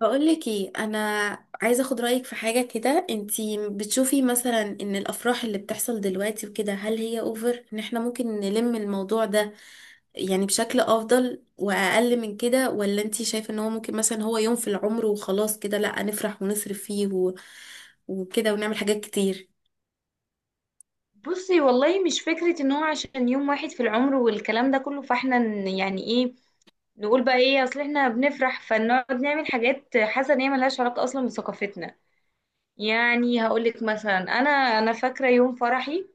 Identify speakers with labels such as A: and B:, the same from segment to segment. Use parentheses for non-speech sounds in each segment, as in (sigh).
A: بقولك ايه؟ انا عايزه اخد رايك في حاجه كده. انتي بتشوفي مثلا ان الافراح اللي بتحصل دلوقتي وكده، هل هي اوفر ان احنا ممكن نلم الموضوع ده يعني بشكل افضل واقل من كده، ولا انتي شايفه ان هو ممكن مثلا هو يوم في العمر وخلاص كده لا نفرح ونصرف فيه وكده ونعمل حاجات كتير؟
B: بصي، والله مش فكرة ان هو عشان يوم واحد في العمر والكلام ده كله. فاحنا يعني ايه نقول بقى ايه، اصل احنا بنفرح فنقعد نعمل حاجات حاسة ان هي ملهاش علاقة اصلا بثقافتنا. يعني هقولك مثلا انا فاكرة يوم فرحي،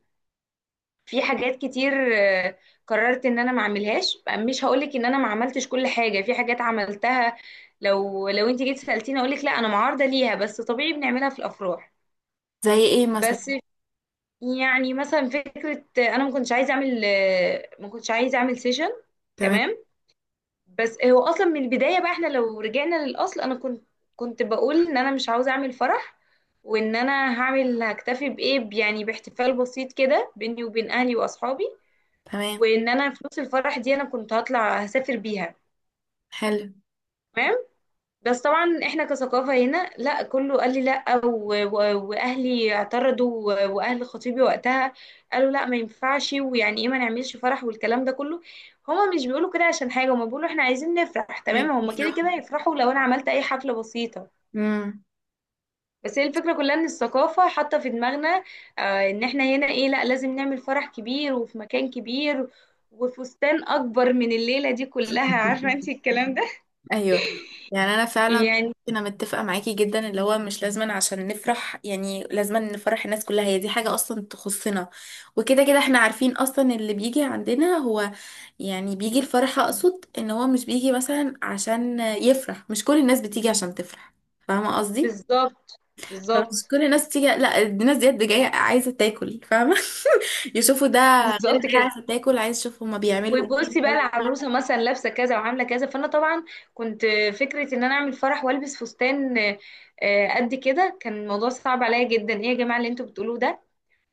B: في حاجات كتير قررت ان انا ما اعملهاش. مش هقولك ان انا ما عملتش كل حاجة، في حاجات عملتها. لو انت جيت سألتيني اقولك لا، انا معارضة ليها، بس طبيعي بنعملها في الافراح.
A: زي ايه مثلا؟
B: بس يعني مثلا فكرة أنا ما كنتش عايزة أعمل، ما كنتش عايزة أعمل سيشن.
A: تمام،
B: تمام. بس هو أصلا من البداية بقى، إحنا لو رجعنا للأصل أنا كنت بقول إن أنا مش عاوزة أعمل فرح، وإن أنا هعمل هكتفي بإيه، يعني باحتفال بسيط كده بيني وبين أهلي وأصحابي.
A: تمام.
B: وإن أنا فلوس الفرح دي أنا كنت هطلع هسافر بيها.
A: حلو.
B: تمام. بس طبعا احنا كثقافة هنا لا، كله قال لي لا واهلي اعترضوا واهل خطيبي وقتها قالوا لا ما ينفعش، ويعني ايه ما نعملش فرح والكلام ده كله. هما مش بيقولوا كده عشان حاجة، هما بيقولوا احنا عايزين نفرح. تمام،
A: عايزين
B: هما كده
A: يفرحوا.
B: كده هيفرحوا لو انا عملت اي حفلة بسيطة.
A: امم.
B: بس هي الفكرة كلها ان الثقافة حاطة في دماغنا. آه، ان احنا هنا ايه، لا لازم نعمل فرح كبير وفي مكان كبير وفستان اكبر من الليلة دي كلها، عارفة انت الكلام ده.
A: ايوه. يعني انا
B: (laughs)
A: فعلا
B: يعني
A: انا متفقه معاكي جدا، اللي هو مش لازما عشان نفرح يعني لازما نفرح الناس كلها. هي دي حاجه اصلا تخصنا، وكده كده احنا عارفين اصلا اللي بيجي عندنا هو يعني بيجي الفرح، اقصد ان هو مش بيجي مثلا عشان يفرح، مش كل الناس بتيجي عشان تفرح. فاهمه قصدي؟
B: بالظبط.
A: فمش
B: بالظبط.
A: كل الناس بتيجي، لا الناس ديت دي جايه عايزه تاكل، فاهمه؟ (laughs) يشوفوا ده. غير ان
B: بالظبط
A: هي
B: كده.
A: عايزه تاكل، عايز يشوفوا هما بيعملوا ايه،
B: وبصي بقى
A: بيسووا
B: العروسه
A: ايه.
B: مثلا لابسه كذا وعامله كذا، فانا طبعا كنت فكره ان انا اعمل فرح والبس فستان قد كده. كان الموضوع صعب عليا جدا، ايه يا جماعه اللي انتوا بتقولوه ده.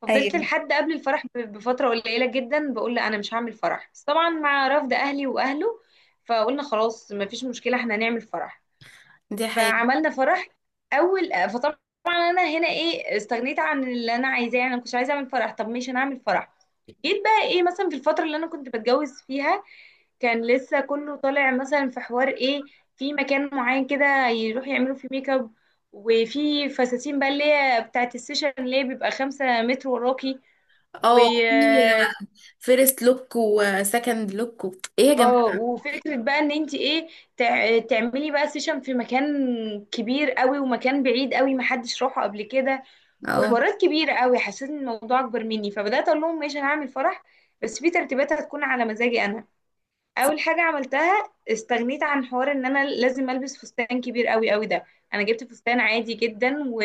B: ففضلت
A: ايوه.
B: لحد قبل الفرح بفتره قليله جدا بقول لا انا مش هعمل فرح، بس طبعا مع رفض اهلي واهله فقلنا خلاص ما فيش مشكله، احنا هنعمل فرح.
A: دي حقيقة.
B: فعملنا فرح. اول فطبعا انا هنا ايه، استغنيت عن اللي انا عايزاه. يعني انا مش عايزه اعمل فرح، طب مش هنعمل فرح. جيت بقى ايه مثلا، في الفترة اللي انا كنت بتجوز فيها كان لسه كله طالع مثلا في حوار ايه، في مكان معين كده يروح يعملوا فيه ميك اب. وفي فساتين بقى اللي هي بتاعت السيشن، اللي هي بيبقى 5 متر وراكي. و
A: اه، في فيرست لوك وسكند لوك ايه يا
B: اه
A: جماعة.
B: وفكرة بقى ان انت ايه، تعملي بقى سيشن في مكان كبير قوي ومكان بعيد قوي محدش راحه قبل كده،
A: اه.
B: وحوارات كبيرة قوي. حسيت ان الموضوع اكبر مني، فبدأت اقول لهم ماشي انا هعمل فرح، بس في ترتيبات هتكون على مزاجي انا. اول حاجه عملتها استغنيت عن حوار ان انا لازم البس فستان كبير قوي قوي ده. انا جبت فستان عادي جدا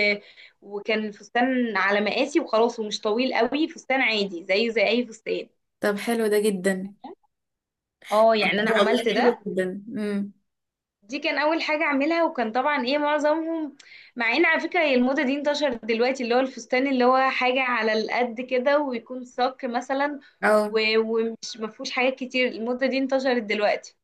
B: وكان الفستان على مقاسي وخلاص، ومش طويل قوي، فستان عادي زيه زي اي فستان.
A: طب حلو ده جدا.
B: اه،
A: بجد
B: يعني انا
A: والله
B: عملت
A: حلو
B: ده.
A: جدا. امم.
B: دي كان اول حاجه اعملها، وكان طبعا ايه معظمهم. مع ان على فكره هي الموضه دي انتشرت دلوقتي، اللي هو الفستان اللي هو حاجه على القد كده ويكون صك مثلا
A: اه.
B: ومش مفهوش حاجات كتير. الموضه دي انتشرت دلوقتي،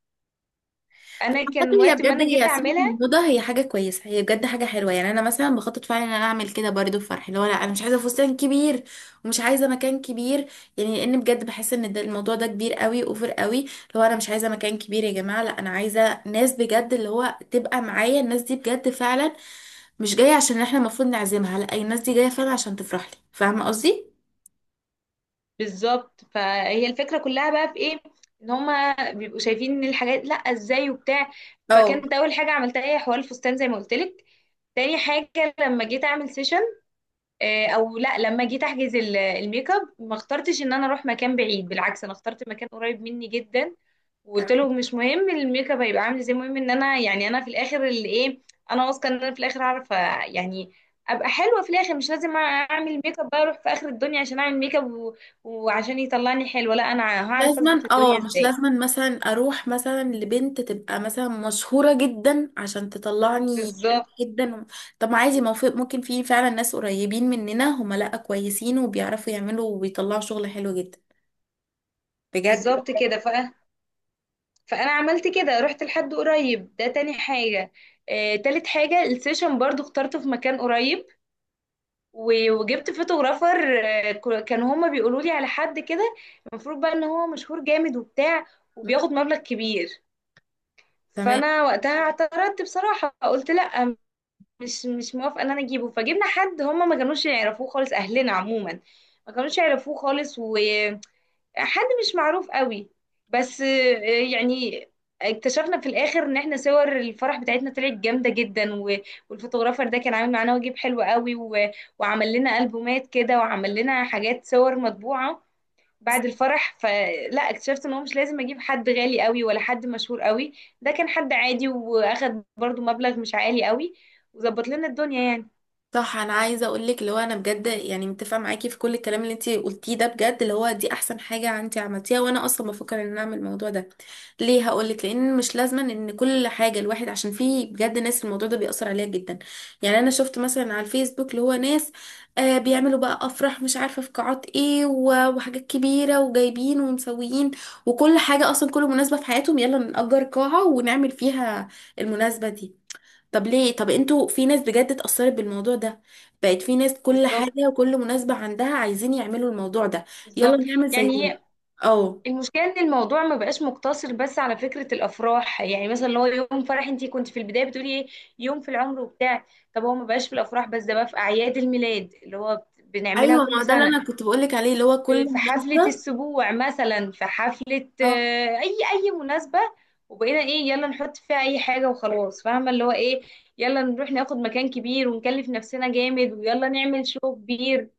A: بس
B: انا
A: عامة
B: كان
A: هي
B: وقت ما
A: بجد
B: انا جيت
A: هي سنة من
B: اعملها.
A: الموضة، هي حاجة كويسة، هي بجد حاجة حلوة. يعني انا مثلا بخطط فعلا ان انا اعمل كده برضه في فرحي، اللي هو لا انا مش عايزة فستان كبير ومش عايزة مكان كبير. يعني لان بجد بحس ان ده الموضوع ده كبير قوي، اوفر قوي. اللي هو انا مش عايزة مكان كبير يا جماعة، لا انا عايزة ناس بجد، اللي هو تبقى معايا الناس دي بجد فعلا، مش جاية عشان احنا المفروض نعزمها، لا الناس دي جاية فعلا عشان تفرح لي. فاهمة قصدي؟
B: بالظبط. فهي الفكرة كلها بقى في ايه، ان هما بيبقوا شايفين ان الحاجات لا ازاي وبتاع.
A: اه.
B: فكانت اول حاجة عملتها هي حوار الفستان زي ما قلت لك. تاني حاجة لما جيت اعمل سيشن، او لا، لما جيت احجز الميك اب ما اخترتش ان انا اروح مكان بعيد، بالعكس انا اخترت مكان قريب مني جدا. وقلت
A: تمام.
B: له مش مهم الميك اب هيبقى عامل ازاي، المهم ان انا يعني انا في الاخر اللي ايه، انا واثقه ان انا في الاخر هعرف، يعني ابقى حلوه في الاخر. مش لازم اعمل ميك اب بقى اروح في اخر الدنيا عشان اعمل ميك اب وعشان يطلعني حلوه، لا انا هعرف
A: لازما،
B: اظبط الدنيا
A: اه مش
B: ازاي.
A: لازما مثلا اروح مثلا لبنت تبقى مثلا مشهورة جدا عشان تطلعني حلوة
B: بالظبط.
A: جدا. طب ما عادي، ما هو ممكن في فعلا ناس قريبين مننا هما لا كويسين، وبيعرفوا يعملوا وبيطلعوا شغل حلو جدا، بجد.
B: بالظبط كده. فانا عملت كده رحت لحد قريب، ده تاني حاجه. تالت حاجه السيشن برضو اخترته في مكان قريب. وجبت فوتوغرافر. كانوا هما بيقولوا لي على حد كده المفروض بقى ان هو مشهور جامد وبتاع وبياخد مبلغ كبير.
A: تمام.
B: فانا وقتها اعترضت بصراحة قلت لا، مش موافقة ان انا اجيبه. فجبنا حد هما ما كانوش يعرفوه خالص، اهلنا عموما ما كانوش يعرفوه خالص، و حد مش معروف قوي. بس يعني اكتشفنا في الاخر ان احنا صور الفرح بتاعتنا طلعت جامده جدا، والفوتوغرافر ده كان عامل معانا واجب حلو قوي، وعمل لنا البومات كده وعمل لنا حاجات صور مطبوعه بعد الفرح. فلا اكتشفت ان هو مش لازم اجيب حد غالي قوي ولا حد مشهور قوي. ده كان حد عادي واخد برضو مبلغ مش عالي قوي وظبط لنا الدنيا يعني.
A: صح. انا عايزه اقول لك اللي هو انا بجد يعني متفقه معاكي في كل الكلام اللي انت قلتيه ده بجد، اللي هو دي احسن حاجه انت عملتيها، وانا اصلا بفكر ان أنا اعمل الموضوع ده. ليه؟ هقول لك. لان مش لازما ان كل حاجه الواحد، عشان في بجد ناس الموضوع ده بيأثر عليها جدا. يعني انا شفت مثلا على الفيسبوك اللي هو ناس بيعملوا بقى افراح، مش عارفه في قاعات ايه وحاجات كبيره وجايبين ومسويين، وكل حاجه اصلا، كل مناسبه في حياتهم يلا نأجر قاعه ونعمل فيها المناسبه دي. طب ليه؟ طب انتوا في ناس بجد اتأثرت بالموضوع ده، بقت في ناس كل
B: بالظبط.
A: حاجة وكل مناسبة عندها عايزين يعملوا الموضوع ده. يلا
B: بالظبط.
A: نعمل زيهم.
B: يعني
A: اه.
B: المشكلة ان الموضوع ما بقاش مقتصر بس على فكرة الافراح، يعني مثلا اللي هو يوم فرح انتي كنت في البداية بتقولي ايه، يوم في العمر وبتاع. طب هو ما بقاش في الافراح بس، ده بقى في اعياد الميلاد اللي هو بنعملها
A: ايوه، ما هو
B: كل
A: ده اللي
B: سنة.
A: انا كنت بقولك عليه، اللي هو كل
B: في حفلة
A: مناسبة.
B: السبوع مثلا، في حفلة،
A: اه.
B: اي مناسبة. وبقينا ايه، يلا نحط فيها اي حاجة وخلاص، فاهمة اللي هو ايه، يلا نروح ناخد مكان كبير ونكلف نفسنا جامد ويلا نعمل شو كبير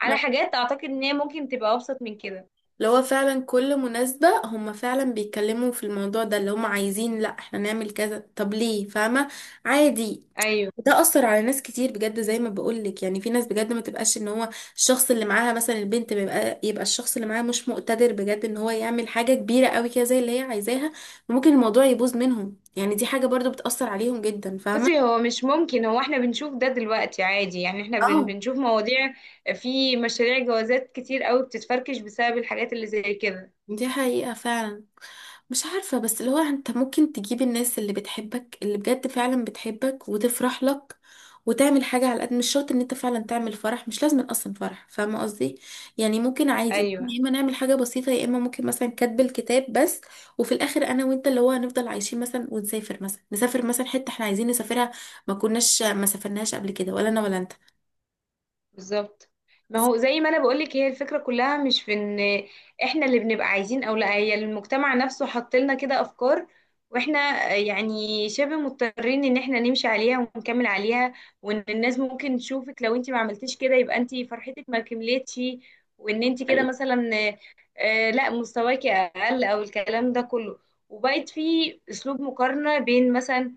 B: على
A: ما-
B: حاجات اعتقد ان هي ممكن تبقى ابسط من كده.
A: اللي هو فعلا كل مناسبة هم فعلا بيتكلموا في الموضوع ده، اللي هم عايزين لا احنا نعمل كذا. طب ليه؟ فاهمة؟ عادي.
B: ايوه.
A: ده اثر على ناس كتير بجد، زي ما بقولك يعني في ناس بجد ما تبقاش ان هو الشخص اللي معاها مثلا البنت، يبقى الشخص اللي معاها مش مقتدر بجد ان هو يعمل حاجة كبيرة قوي كده زي اللي هي عايزاها، وممكن الموضوع يبوظ منهم. يعني دي حاجة برضو بتأثر عليهم جدا، فاهمة؟
B: بصي هو مش ممكن، هو احنا بنشوف ده دلوقتي عادي. يعني احنا
A: اه.
B: بنشوف مواضيع، في مشاريع جوازات كتير قوي بتتفركش بسبب الحاجات اللي زي كده.
A: دي حقيقة فعلا. مش عارفة، بس اللي هو انت ممكن تجيب الناس اللي بتحبك، اللي بجد فعلا بتحبك وتفرح لك، وتعمل حاجة على قد، مش شرط ان انت فعلا تعمل فرح، مش لازم اصلا فرح، فاهمة قصدي؟ يعني ممكن عادي، ممكن
B: ايوه.
A: يا اما نعمل حاجة بسيطة، يا اما ممكن مثلا كاتب الكتاب بس، وفي الاخر انا وانت اللي هو هنفضل عايشين مثلا، ونسافر مثلا، نسافر مثلا حتة احنا عايزين نسافرها، ما كناش، ما سافرناش قبل كده ولا انا ولا انت.
B: بالظبط. ما
A: صح.
B: هو زي ما انا بقولك هي الفكرة كلها مش في ان احنا اللي بنبقى عايزين او لا، هي المجتمع نفسه حط لنا كده افكار، واحنا يعني شبه مضطرين ان احنا نمشي عليها ونكمل عليها. وان الناس ممكن تشوفك لو انت ما عملتيش كده يبقى انت فرحتك ما كملتش، وان انت كده
A: أيوة.
B: مثلا لا مستواكي اقل او الكلام ده كله. وبقت في اسلوب مقارنة بين مثلا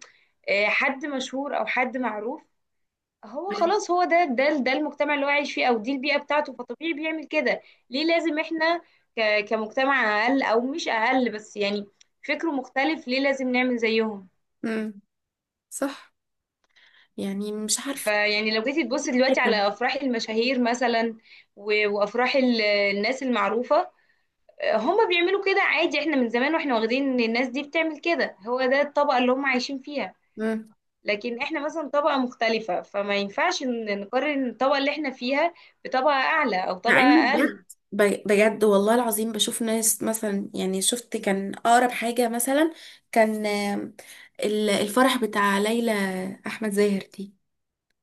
B: حد مشهور او حد معروف. هو خلاص، هو ده المجتمع اللي هو عايش فيه او دي البيئه بتاعته، فطبيعي بيعمل كده. ليه لازم احنا كمجتمع اقل، او مش اقل بس، يعني فكره مختلف، ليه لازم نعمل زيهم.
A: امم. صح. يعني مش عارفة.
B: فيعني لو جيتي تبصي دلوقتي
A: جدا.
B: على افراح المشاهير مثلا، وافراح الناس المعروفه، هم بيعملوا كده عادي. احنا من زمان واحنا واخدين ان الناس دي بتعمل كده، هو ده الطبقه اللي هم عايشين فيها. لكن احنا مثلا طبقه مختلفه، فما ينفعش نقارن الطبقه اللي احنا فيها بطبقه اعلى او
A: مع
B: طبقه
A: اني بجد
B: اقل.
A: بجد والله العظيم بشوف ناس مثلا. يعني شفت كان اقرب حاجة مثلا كان الفرح بتاع ليلى احمد زاهر دي.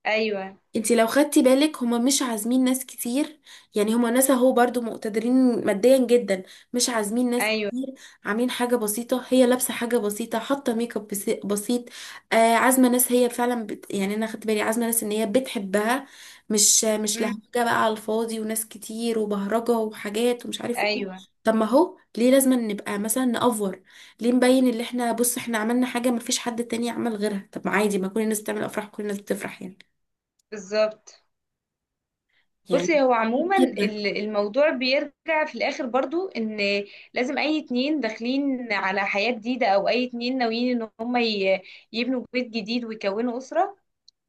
B: ايوه.
A: انتي لو خدتي بالك هما مش عازمين ناس كتير، يعني هما ناس اهو برضو مقتدرين ماديا جدا، مش عازمين ناس
B: ايوه.
A: كتير، عاملين حاجة بسيطة، هي لابسة حاجة بسيطة، حاطة ميك اب بسيط. آه عازمة ناس هي فعلا يعني انا خدت بالي عازمة ناس ان هي بتحبها، مش مش لهجة
B: امم.
A: بقى على الفاضي، وناس كتير وبهرجة وحاجات ومش عارف ايه.
B: ايوه.
A: طب ما هو ليه لازم نبقى مثلا نأفور؟ ليه نبين اللي احنا، بص احنا عملنا حاجة مفيش حد تاني عمل غيرها؟ طب ما عادي، ما كل الناس بتعمل افراح، كل الناس بتفرح يعني.
B: بالظبط.
A: يعني.
B: بصي هو عموما
A: جدا.
B: الموضوع بيرجع في الاخر برضو ان لازم اي اتنين داخلين على حياة جديدة، او اي اتنين ناويين ان هم يبنوا بيت جديد ويكونوا اسرة،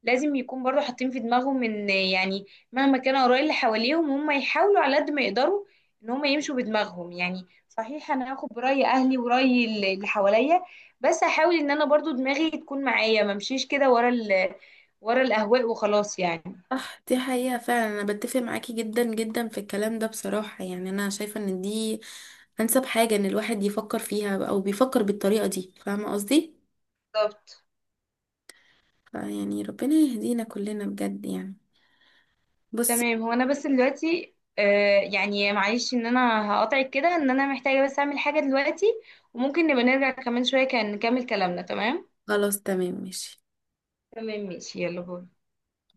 B: لازم يكون برضو حاطين في دماغهم ان يعني مهما كان اراء اللي حواليهم هم يحاولوا على قد ما يقدروا ان هم يمشوا بدماغهم. يعني صحيح انا هاخد براي اهلي وراي اللي حواليا، بس هحاول ان انا برضو دماغي تكون معايا ما امشيش كده ورا ورا الاهواء وخلاص يعني.
A: صح. دي حقيقة فعلا. أنا بتفق معاكي جدا جدا في الكلام ده بصراحة، يعني أنا شايفة إن دي أنسب حاجة إن الواحد يفكر فيها أو بيفكر بالطريقة دي، فاهمة قصدي؟
B: بالظبط.
A: يعني ربنا يهدينا كلنا بجد يعني. بصي.
B: تمام. هو انا بس دلوقتي يعني معلش ان انا هقاطعك كده، ان انا محتاجه بس اعمل حاجه دلوقتي، وممكن نبقى نرجع كمان شويه كان نكمل كلامنا. تمام.
A: خلاص تمام ماشي.
B: تمام ماشي، يلا باي.